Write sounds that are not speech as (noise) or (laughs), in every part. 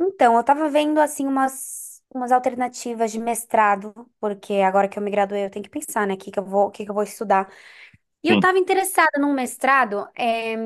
Então, eu tava vendo assim umas alternativas de mestrado, porque agora que eu me graduei, eu tenho que pensar, né, o que que eu vou estudar. E eu Sim, tava interessada num mestrado,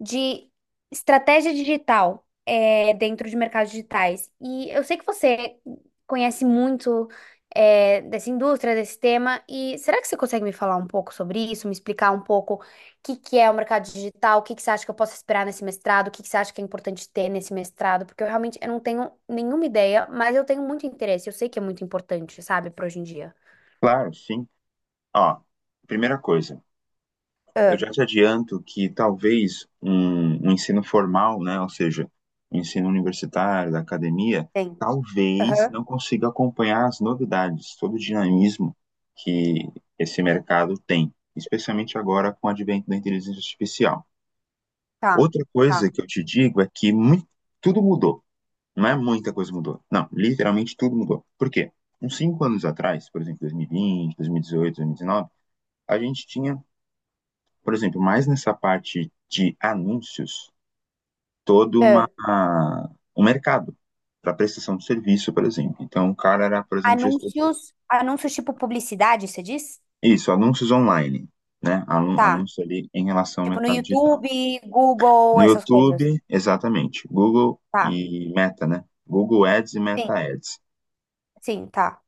de estratégia digital é, dentro de mercados digitais. E eu sei que você conhece muito é, dessa indústria, desse tema, e será que você consegue me falar um pouco sobre isso, me explicar um pouco o que que é o mercado digital, o que que você acha que eu posso esperar nesse mestrado, o que que você acha que é importante ter nesse mestrado? Porque eu realmente eu não tenho nenhuma ideia, mas eu tenho muito interesse, eu sei que é muito importante, sabe, para hoje em dia. claro, sim. Ó, primeira coisa, eu Ah, já te adianto que talvez um ensino formal, né, ou seja, um ensino universitário, da academia, tem. talvez Aham. não consiga acompanhar as novidades, todo o dinamismo que esse mercado tem, especialmente agora com o advento da inteligência artificial. Tá, Outra coisa tá. que eu te digo é que tudo mudou, não é muita coisa mudou, não, literalmente tudo mudou. Por quê? Uns 5 anos atrás, por exemplo, 2020, 2018, 2019, a gente tinha, por exemplo, mais nessa parte de anúncios, todo uma, Ah, um mercado para prestação de serviço, por exemplo. Então, o cara era, por exemplo, gestor de. anúncios, anúncios tipo publicidade, você diz? Isso, anúncios online, né? Tá. Anúncios ali em relação ao Tipo no mercado digital. YouTube, Google, No essas coisas. YouTube, exatamente. Google Tá. e Meta, né? Google Ads e Sim, Meta Ads. sim, tá.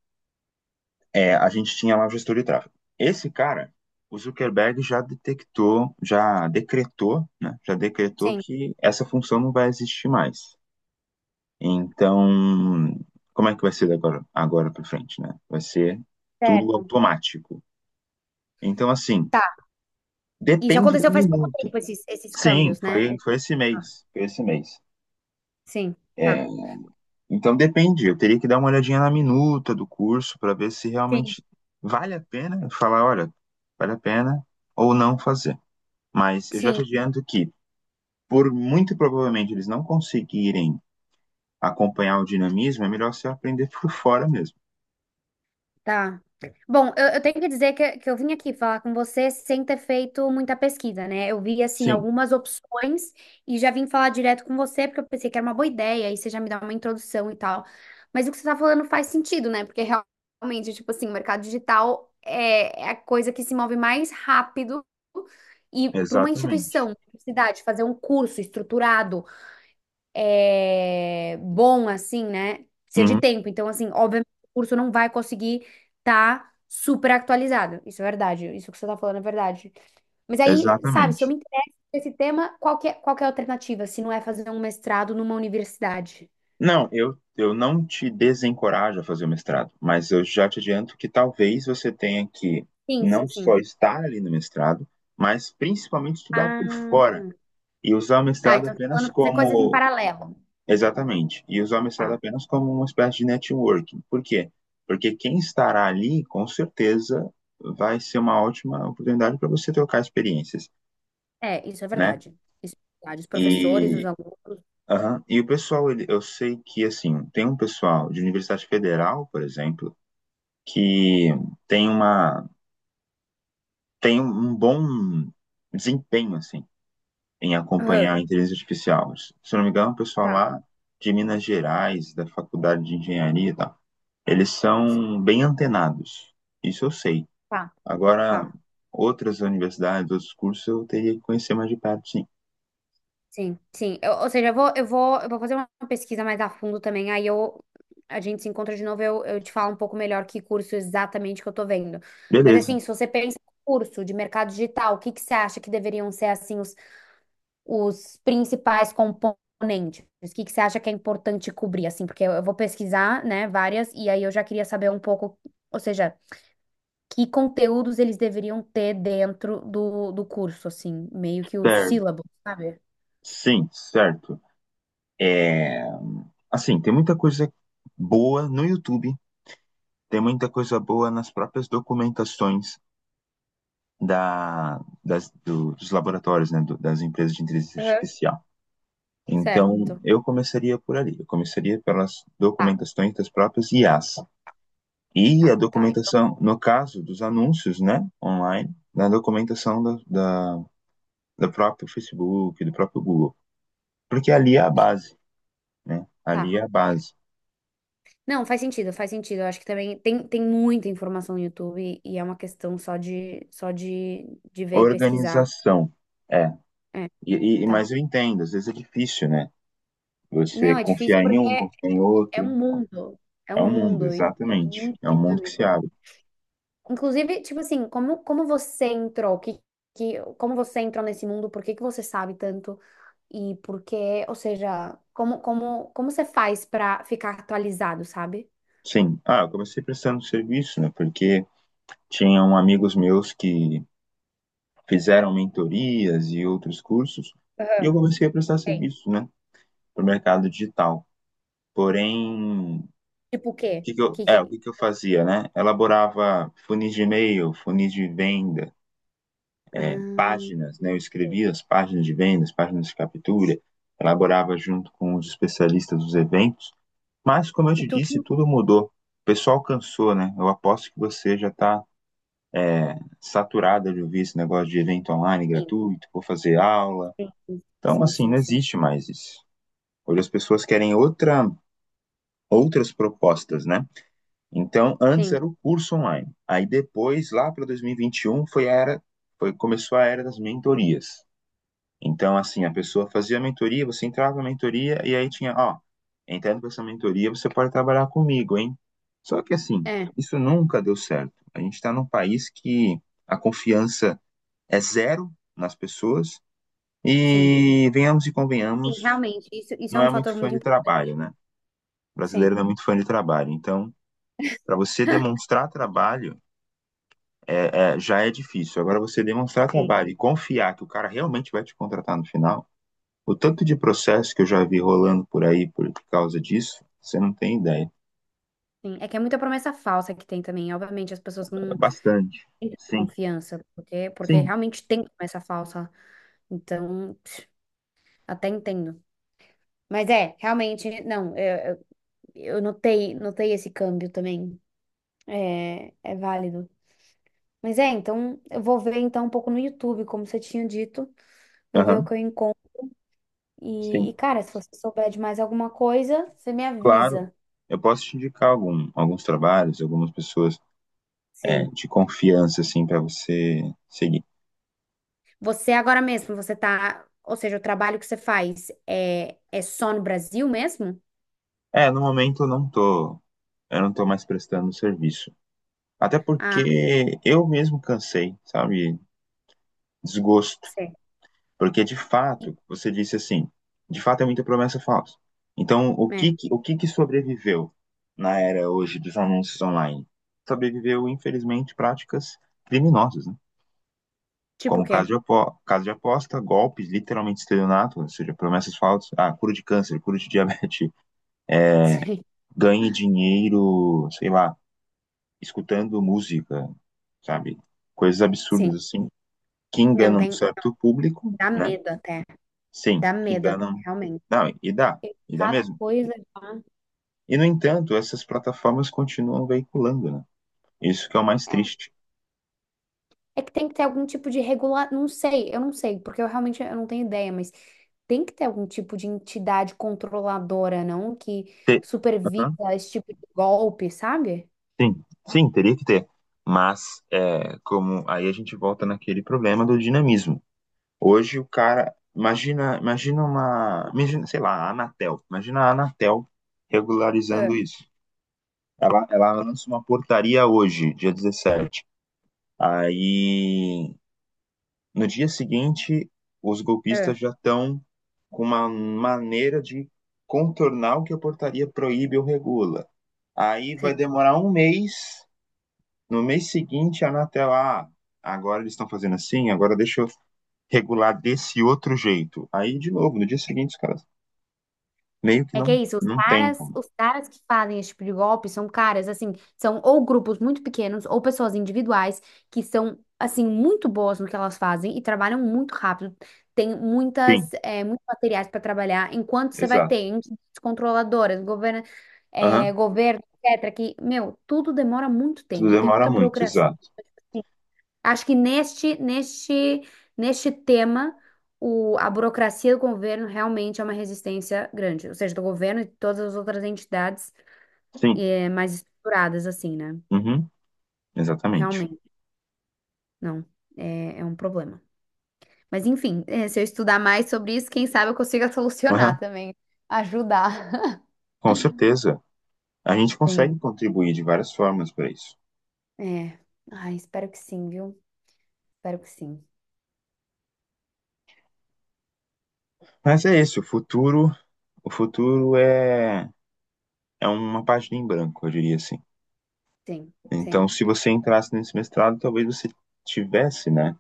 É, a gente tinha lá o gestor de tráfego. Esse cara, o Zuckerberg já detectou, já decretou, né? Já decretou Sim. que essa função não vai existir mais. Então, como é que vai ser agora, agora para frente, né? Vai ser tudo Certo. automático. Então, assim, Tá. Isso depende da aconteceu faz pouco minuta. tempo, esses Sim, câmbios, foi, né? Foi esse ah, mês. Foi esse mês. Sim, É, tá. então depende. Eu teria que dar uma olhadinha na minuta do curso para ver se Sim, realmente vale a pena falar, olha, vale a pena ou não fazer. Mas eu já te sim. adianto que, por muito provavelmente eles não conseguirem acompanhar o dinamismo, é melhor você aprender por fora mesmo. Tá. Bom, eu tenho que dizer que eu vim aqui falar com você sem ter feito muita pesquisa, né? Eu vi, assim, Sim, algumas opções e já vim falar direto com você porque eu pensei que era uma boa ideia e você já me dá uma introdução e tal. Mas o que você tá falando faz sentido, né? Porque realmente, tipo assim, o mercado digital é a coisa que se move mais rápido e para uma instituição, exatamente. uma universidade, fazer um curso estruturado é, bom, assim, né? Precisa de Uhum, tempo. Então, assim, obviamente, o curso não vai conseguir estar super atualizado. Isso é verdade. Isso que você tá falando é verdade. Mas aí, sabe, se eu exatamente. me interesso por esse tema, qual que é a alternativa? Se não é fazer um mestrado numa universidade? Não, eu não te desencorajo a fazer o mestrado, mas eu já te adianto que talvez você tenha que Sim, não sim, sim. só estar ali no mestrado, mas principalmente estudar por fora Ah, e usar o tá. mestrado Então, você tá apenas falando fazer coisas em como. paralelo. Exatamente, e usar o mestrado Tá. apenas como uma espécie de networking. Por quê? Porque quem estará ali, com certeza, vai ser uma ótima oportunidade para você trocar experiências, É, isso é né? verdade. Isso é verdade. Os professores, os alunos. Aham. E o pessoal, ele, eu sei que, assim, tem um pessoal de Universidade Federal, por exemplo, que tem uma, tem um bom desempenho, assim, em Aham. acompanhar a inteligência artificial. Se eu não me engano, o pessoal Tá, lá de Minas Gerais, da Faculdade de Engenharia e tal, eles são bem antenados. Isso eu sei. tá, Agora, tá. outras universidades, outros cursos, eu teria que conhecer mais de perto, sim. Sim, sim. Ou seja, eu vou fazer uma pesquisa mais a fundo também, a gente se encontra de novo, eu te falo um pouco melhor que curso exatamente que eu tô vendo. Mas Beleza. assim, se você pensa em curso de mercado digital, o que que você acha que deveriam ser assim os principais componentes? O que que você acha que é importante cobrir, assim? Porque eu vou pesquisar, né, várias, e aí eu já queria saber um pouco, ou seja, que conteúdos eles deveriam ter dentro do curso, assim, meio que o Certo. sílabo, sabe? Sim, certo. É, assim, tem muita coisa boa no YouTube, tem muita coisa boa nas próprias documentações dos laboratórios, né, das empresas de inteligência Aham. artificial. Então, Certo. eu começaria por ali, eu começaria pelas Tá. documentações das próprias IAs. E a Tá, tá, então, documentação, no caso dos anúncios, né, online, na documentação do próprio Facebook, do próprio Google. Porque ali é a base, né? tá. Ali é a base. Não, faz sentido, faz sentido. Eu acho que também tem muita informação no YouTube e é uma questão só de ver e pesquisar. Organização. É. É, E, mas tá. eu entendo, às vezes é difícil, né? Você Não, é difícil confiar em porque um, confiar em é outro. um mundo, é É um um mundo, mundo e é exatamente. muito É um mundo que se dinâmico. abre. Inclusive, tipo assim, como você entrou? Que como você entrou nesse mundo? Por que que você sabe tanto? E por que, ou seja, como você faz pra ficar atualizado, sabe? Sim. Ah, eu comecei prestando serviço, né? Porque tinham amigos meus que fizeram mentorias e outros cursos, e eu Aham. comecei a prestar Sei. serviço, né? Para o mercado digital. Porém, Tipo o quê? Que, o que, que que eu fazia, né? Elaborava funis de e-mail, funis de venda, Ah, páginas, né? Eu escrevia as páginas de vendas, páginas de captura, elaborava junto com os especialistas dos eventos, mas como eu e te disse, tudo. tudo mudou. O pessoal cansou, né? Eu aposto que você já está saturada de ouvir esse negócio de evento online Sim, gratuito, vou fazer aula. Então, sim, sim, assim, não sim, sim. existe mais isso. Hoje as pessoas querem outras propostas, né? Então, antes Sim, era o curso online. Aí depois, lá para 2021, foi a era, foi, começou a era das mentorias. Então, assim, a pessoa fazia a mentoria, você entrava na mentoria e aí tinha, ó, entrando para essa mentoria, você pode trabalhar comigo, hein? Só que, assim, é, isso nunca deu certo. A gente está num país que a confiança é zero nas pessoas sim. e, venhamos e Sim, convenhamos, realmente, isso é não um é fator muito fã muito de trabalho, importante. né? O Sim, brasileiro não é muito fã de trabalho. Então, para você demonstrar trabalho, já é difícil. Agora, você demonstrar sim, trabalho e confiar que o cara realmente vai te contratar no final. O tanto de processo que eu já vi rolando por aí por causa disso, você não tem ideia. sim. É que é muita promessa falsa que tem também. Obviamente, as pessoas não Bastante. têm tanta Sim, confiança, porque sim, realmente tem promessa falsa. Então, pff, até entendo. Mas é, realmente, não, eu notei, notei esse câmbio também. É, é válido. Mas é, então, eu vou ver então um pouco no YouTube, como você tinha dito. Vou ver o aham, que eu encontro. Sim. Cara, se você souber de mais alguma coisa, você me Claro, avisa. eu posso te indicar alguns trabalhos, algumas pessoas Sim. de confiança, assim, para você seguir. Você agora mesmo, você tá. Ou seja, o trabalho que você faz é só no Brasil mesmo? É, no momento eu não tô mais prestando serviço. Até Ah, porque eu mesmo cansei, sabe? Desgosto. sei. Porque de fato, você disse assim, de fato é muita promessa falsa. Então, É. O que que sobreviveu na era hoje dos anúncios online? Sobreviveu, infelizmente, práticas criminosas, né? Tipo o Como caso quê? de, caso de aposta, golpes, literalmente estelionato, ou seja, promessas falsas, ah, cura de câncer, cura de diabetes, (laughs) Sim. ganhe dinheiro, sei lá, escutando música, sabe? Coisas absurdas Sim. assim, que Não, enganam um tem. certo público, Dá né? medo até. Sim, Dá que medo até, enganam. realmente. Não, e dá Cada mesmo. coisa, tá? E, no entanto, essas plataformas continuam veiculando, né? Isso que é o mais triste. É que tem que ter algum tipo de regular, não sei, eu não sei, porque eu realmente eu não tenho ideia, mas tem que ter algum tipo de entidade controladora, não? Que Te- supervisa Aham. esse tipo de golpe, sabe? Sim, sim, teria que ter. Mas, é, como aí a gente volta naquele problema do dinamismo. Hoje o cara, imagina, sei lá, a Anatel. Imagina a Anatel É, regularizando isso. Ela lança uma portaria hoje, dia 17. Aí, no dia seguinte, os golpistas é. já estão com uma maneira de contornar o que a portaria proíbe ou regula. Aí vai Sim. demorar um mês. No mês seguinte, a Anatel, ah, agora eles estão fazendo assim, agora deixa eu regular desse outro jeito. Aí, de novo, no dia seguinte, os caras meio que É que é não, isso, não tem como. os caras que fazem esse tipo de golpe são caras, assim, são ou grupos muito pequenos ou pessoas individuais que são, assim, muito boas no que elas fazem e trabalham muito rápido. Tem Sim, muitas, é, muitos materiais para trabalhar, enquanto você vai ter exato. entidades controladoras, Aham. Governo, etc., que, meu, tudo demora muito Tudo tempo, tem demora muita muito, burocracia. exato. Acho que neste tema, o, a burocracia do governo realmente é uma resistência grande. Ou seja, do governo e de todas as outras entidades Sim, mais estruturadas, assim, né? uhum, exatamente. Realmente, não. É, é um problema. Mas, enfim, se eu estudar mais sobre isso, quem sabe eu consiga (laughs) solucionar Aham, também. Ajudar. com certeza. A gente (laughs) Sim. consegue contribuir de várias formas para isso. É. Ai, espero que sim, viu? Espero que sim. Mas é isso, o futuro é uma página em branco, eu diria assim. Sim, Então, sim. se você entrasse nesse mestrado, talvez você tivesse, né,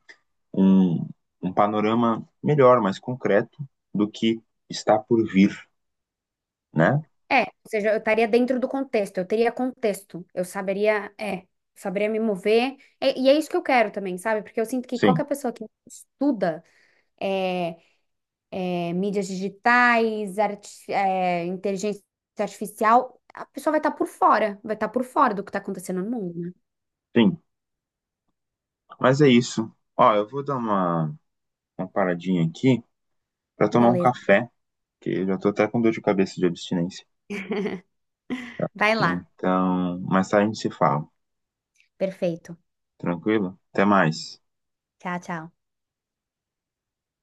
um, um panorama melhor, mais concreto do que está por vir, né? É, ou seja, eu estaria dentro do contexto, eu teria contexto, eu saberia, é, saberia me mover, e é isso que eu quero também, sabe? Porque eu sinto que Sim, qualquer pessoa que estuda é, mídias digitais, inteligência artificial, a pessoa vai estar por fora, vai estar por fora do que está acontecendo no mundo, né? sim. Mas é isso. Ó, eu vou dar uma paradinha aqui para tomar um Beleza, café, que eu já tô até com dor de cabeça de abstinência. vai lá, Então, mais tarde a gente se fala. perfeito. Tranquilo? Até mais. Tchau, tchau.